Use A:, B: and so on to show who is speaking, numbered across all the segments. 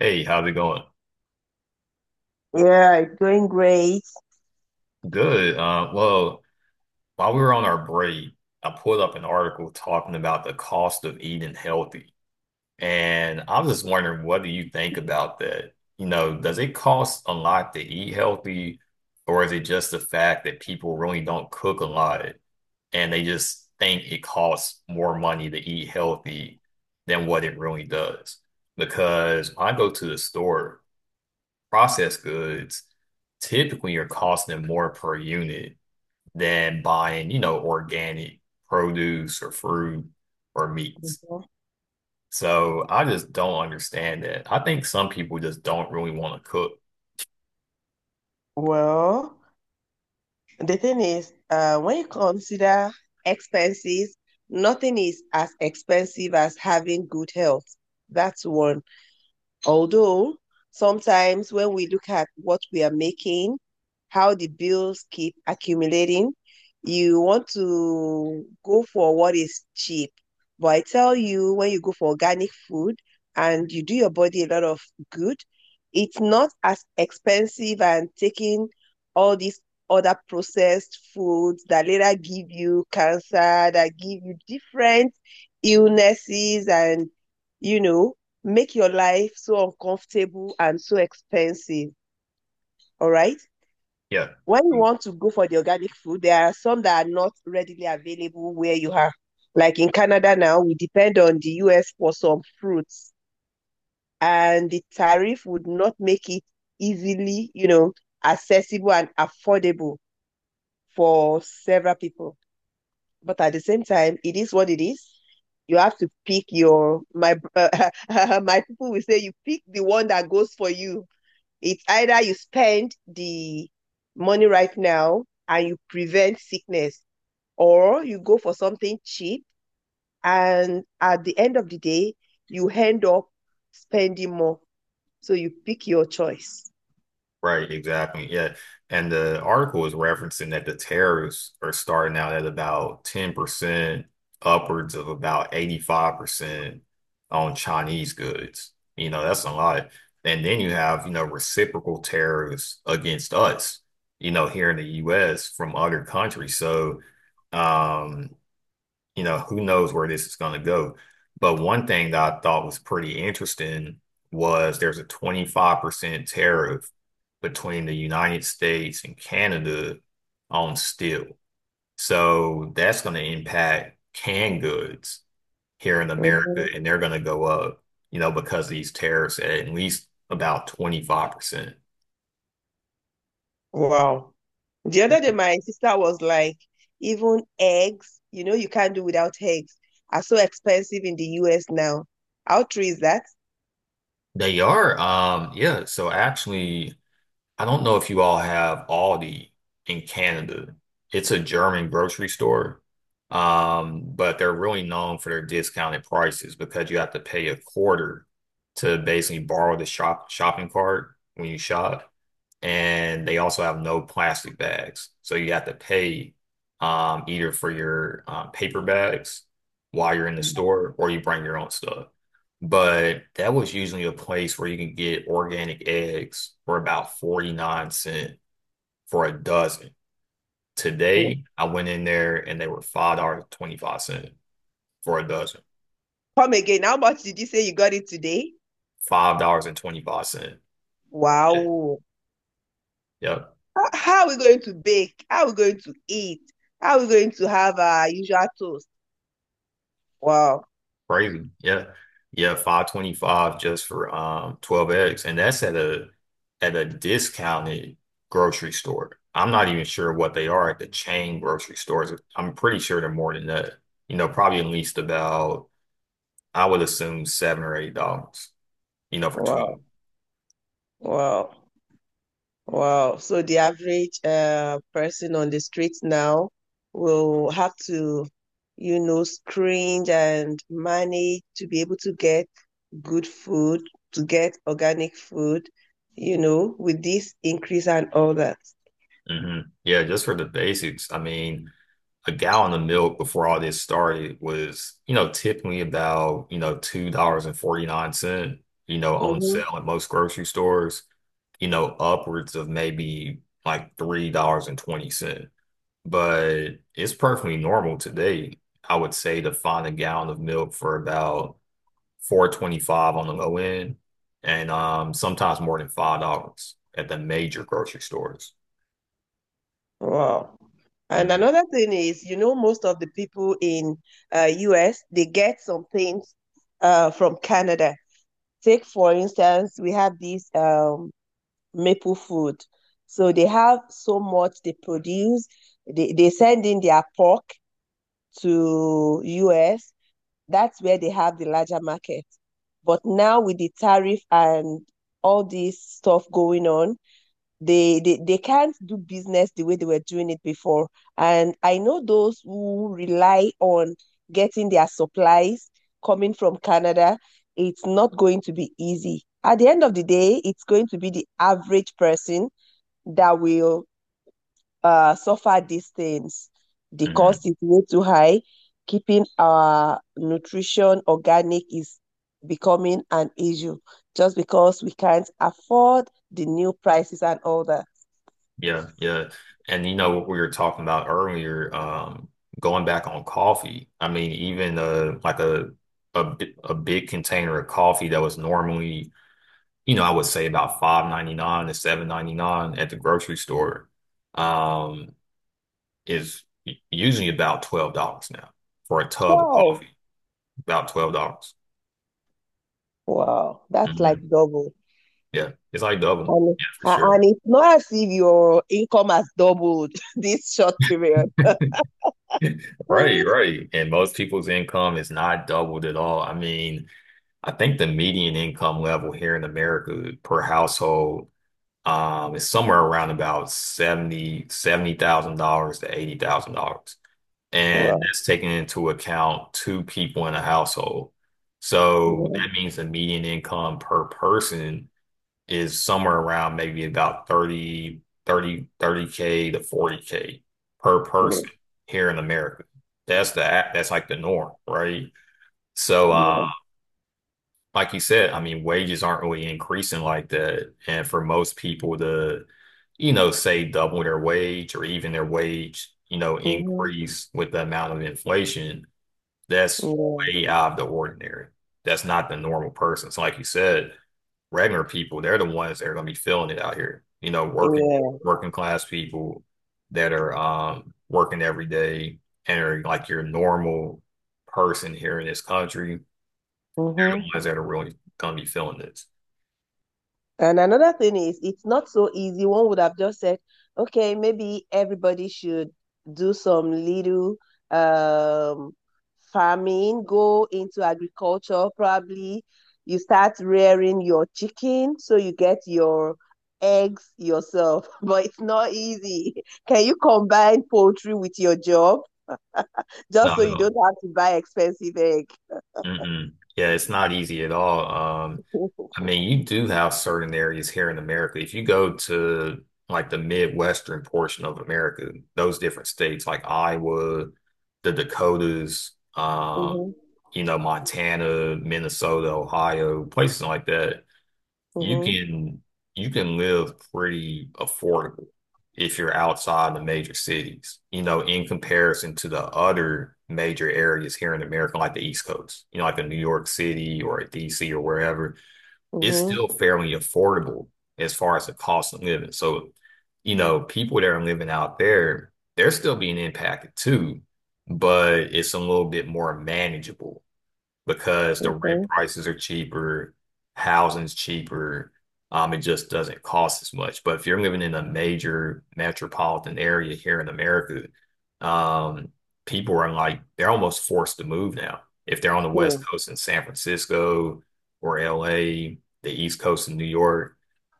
A: Hey, how's it going?
B: Yeah, going great.
A: Good. Well, while we were on our break, I pulled up an article talking about the cost of eating healthy. And I was just wondering, what do you think about that? You know, does it cost a lot to eat healthy, or is it just the fact that people really don't cook a lot and they just think it costs more money to eat healthy than what it really does? Because when I go to the store, processed goods, typically you're costing them more per unit than buying, you know, organic produce or fruit or meats.
B: Mhm.
A: So I just don't understand that. I think some people just don't really want to cook.
B: Well, the thing is, when you consider expenses, nothing is as expensive as having good health. That's one. Although sometimes when we look at what we are making, how the bills keep accumulating, you want to go for what is cheap. But I tell you, when you go for organic food and you do your body a lot of good, it's not as expensive and taking all these other processed foods that later give you cancer, that give you different illnesses and, you know, make your life so uncomfortable and so expensive. All right.
A: Yeah.
B: When you want to go for the organic food, there are some that are not readily available where you are. Like in Canada now, we depend on the US for some fruits, and the tariff would not make it easily, you know, accessible and affordable for several people. But at the same time, it is what it is. You have to pick your my my people will say you pick the one that goes for you. It's either you spend the money right now and you prevent sickness, or you go for something cheap and at the end of the day, you end up spending more. So you pick your choice.
A: Right, exactly. Yeah. And the article is referencing that the tariffs are starting out at about 10% upwards of about 85% on Chinese goods. You know, that's a lot. And then you have, reciprocal tariffs against us, here in the US from other countries. So, um, who knows where this is going to go. But one thing that I thought was pretty interesting was there's a 25% tariff between the United States and Canada on steel. So that's going to impact canned goods here in America,
B: Mhm.
A: and they're going to go up, you know, because of these tariffs at least about 25%.
B: Wow. The other day, my sister was like, even eggs, you know, you can't do without eggs, are so expensive in the US now. How true is that?
A: They are, yeah. So actually, I don't know if you all have Aldi in Canada. It's a German grocery store, but they're really known for their discounted prices because you have to pay a quarter to basically borrow the shopping cart when you shop and they also have no plastic bags. So you have to pay either for your paper bags while you're in the store or you bring your own stuff. But that was usually a place where you can get organic eggs for about 49 cents for a dozen.
B: Mm-hmm.
A: Today, I went in there and they were $5.25 for a dozen.
B: Come again. How much did you say you got it today?
A: $5.25.
B: Wow.
A: Yep.
B: How are we going to bake? How are we going to eat? How are we going to have our usual toast? Wow,
A: Crazy. Yeah. Yeah, 5.25 just for 12 eggs. And that's at a discounted grocery store. I'm not even sure what they are at the chain grocery stores. I'm pretty sure they're more than that. You know, probably at least about I would assume $7 or $8, for 12.
B: wow, wow, wow. So the average person on the street now will have to, you know, screen and manage to be able to get good food, to get organic food, you know, with this increase and all that.
A: Yeah, just for the basics. I mean, a gallon of milk before all this started was, typically about, $2.49, on
B: Mhm.
A: sale at most grocery stores. Upwards of maybe like $3.20. But it's perfectly normal today, I would say, to find a gallon of milk for about 4.25 on the low end and sometimes more than $5 at the major grocery stores.
B: Wow. And
A: Mhm,
B: another thing is, you know, most of the people in US, they get some things from Canada. Take, for instance, we have this maple food. So they have so much they produce. They send in their pork to US. That's where they have the larger market. But now with the tariff and all this stuff going on, they can't do business the way they were doing it before. And I know those who rely on getting their supplies coming from Canada, it's not going to be easy. At the end of the day, it's going to be the average person that will suffer these things. The
A: mhm.
B: cost is way too high. Keeping our nutrition organic is becoming an issue just because we can't afford the new prices and all that.
A: Yeah, yeah. And you know what we were talking about earlier, going back on coffee. I mean, even like a big container of coffee that was normally I would say about 5.99 to 7.99 at the grocery store, um, is usually about $12 now for a tub of
B: Wow.
A: coffee. About $12.
B: Wow. That's like
A: hmm
B: double.
A: Yeah, it's like double.
B: And,
A: Yeah, for
B: a-
A: sure.
B: and it's not as if your income has doubled this short period.
A: Right, right. And most people's income is not doubled at all. I mean, I think the median income level here in America per household is somewhere around about seventy thousand dollars to $80,000. And
B: Wow.
A: that's taking into account two people in a household. So
B: Yeah.
A: that means the median income per person is somewhere around maybe about thirty k to 40K per person
B: Yeah.
A: here in America. That's the that's like the norm, right? So
B: Yeah.
A: like you said, I mean wages aren't really increasing like that. And for most people to, say double their wage or even their wage,
B: Mhm.
A: increase with the amount of inflation that's
B: Yeah.
A: way out of the ordinary. That's not the normal person. So like you said, regular people, they're the ones that are gonna be feeling it out here. You know, working
B: Yeah.
A: class people that are working every day and are like your normal person here in this country, they're the
B: Mhm.
A: ones that are really gonna be feeling this.
B: And another thing is, it's not so easy. One would have just said, okay, maybe everybody should do some little um, farming, go into agriculture, probably. You start rearing your chicken so you get your eggs yourself, but it's not easy. Can you combine poultry with your job just
A: No,
B: so you don't
A: no.
B: have to buy expensive egg?
A: Mm-mm. Yeah, it's not easy at all. I mean, you do have certain areas here in America. If you go to like the Midwestern portion of America, those different states like Iowa, the Dakotas, Montana, Minnesota, Ohio, places like that,
B: Mm-hmm.
A: you
B: Mm-hmm.
A: can live pretty affordable if you're outside the major cities, in comparison to the other major areas here in America, like the East Coast, like a New York City or a DC or wherever it's
B: Mm-hmm.
A: still fairly affordable as far as the cost of living. So, people that are living out there, they're still being impacted too, but it's a little bit more manageable because the rent
B: Okay.
A: prices are cheaper, housing's cheaper. It just doesn't cost as much. But if you're living in a major metropolitan area here in America, um, people are like they're almost forced to move now. If they're on the
B: Hmm.
A: West Coast in San Francisco or LA, the East Coast in New York,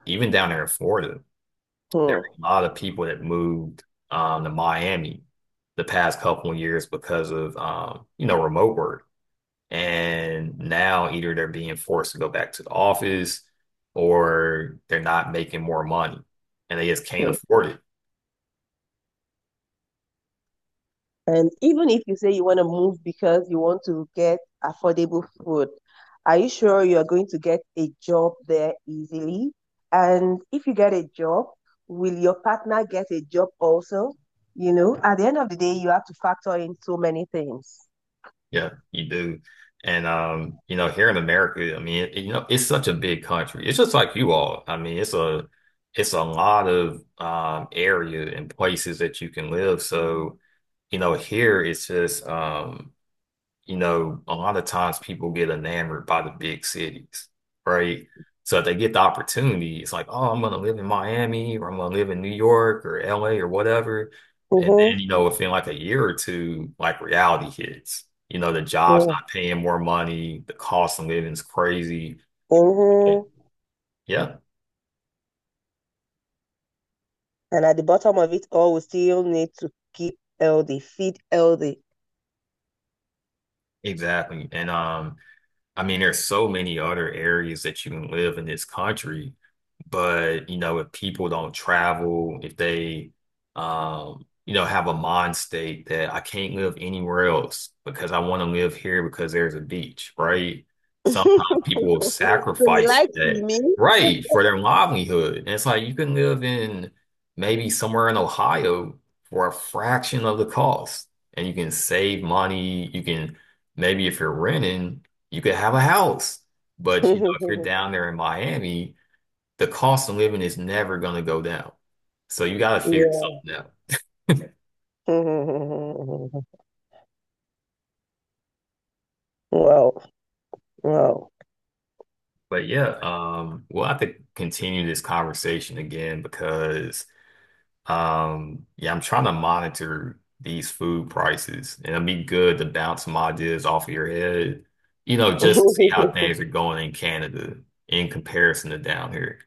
A: even down there in Florida, there were a lot of people that moved to Miami the past couple of years because of remote work and now either they're being forced to go back to the office or they're not making more money and they just can't
B: Hmm.
A: afford it.
B: And even if you say you want to move because you want to get affordable food, are you sure you're going to get a job there easily? And if you get a job, will your partner get a job also? You know, at the end of the day, you have to factor in so many things.
A: Yeah, you do. And here in America, I mean, it's such a big country. It's just like you all. I mean, it's a lot of area and places that you can live. So, here it's just a lot of times people get enamored by the big cities, right? So if they get the opportunity, it's like, oh, I'm gonna live in Miami or I'm gonna live in New York or LA or whatever. And then,
B: Mm-hmm.
A: within like a year or two, like reality hits. The job's
B: Yeah.
A: not paying more money, the cost of living is crazy.
B: Mm-hmm.
A: Yeah,
B: And at the bottom of it all, we still need to keep healthy, feed healthy.
A: exactly. And I mean, there's so many other areas that you can live in this country, but if people don't travel, if they, have a mind state that I can't live anywhere else because I want to live here because there's a beach, right? Sometimes people will
B: So you
A: sacrifice
B: like
A: that,
B: swimming?
A: right, for their livelihood. And it's like you can live in maybe somewhere in Ohio for a fraction of the cost, and you can save money. You can Maybe if you're renting you could have a house, but if you're down there in Miami, the cost of living is never going to go down. So you got to figure
B: Yeah.
A: something out.
B: Wow. Wow.
A: But yeah, we'll have to continue this conversation again because yeah, I'm trying to monitor these food prices, and it'd be good to bounce some ideas off of your head, just to see how things are going in Canada in comparison to down here.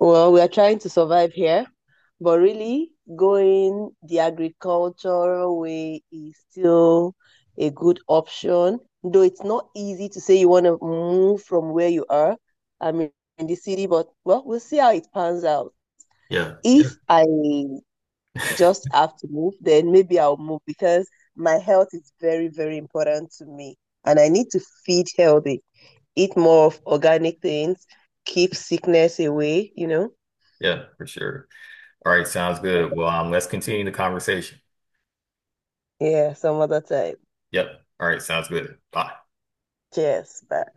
B: Well, we are trying to survive here, but really going the agricultural way is still a good option, though it's not easy to say you want to move from where you are. I mean, in the city, but well, we'll see how it pans out.
A: Yeah, yeah,
B: If I just have to move, then maybe I'll move because my health is very, very important to me and I need to feed healthy. Eat more of organic things, keep sickness away, you know?
A: yeah, for sure. All right, sounds good. Well, let's continue the conversation.
B: Yeah, some other time.
A: Yep. All right, sounds good. Bye.
B: Cheers. Bye.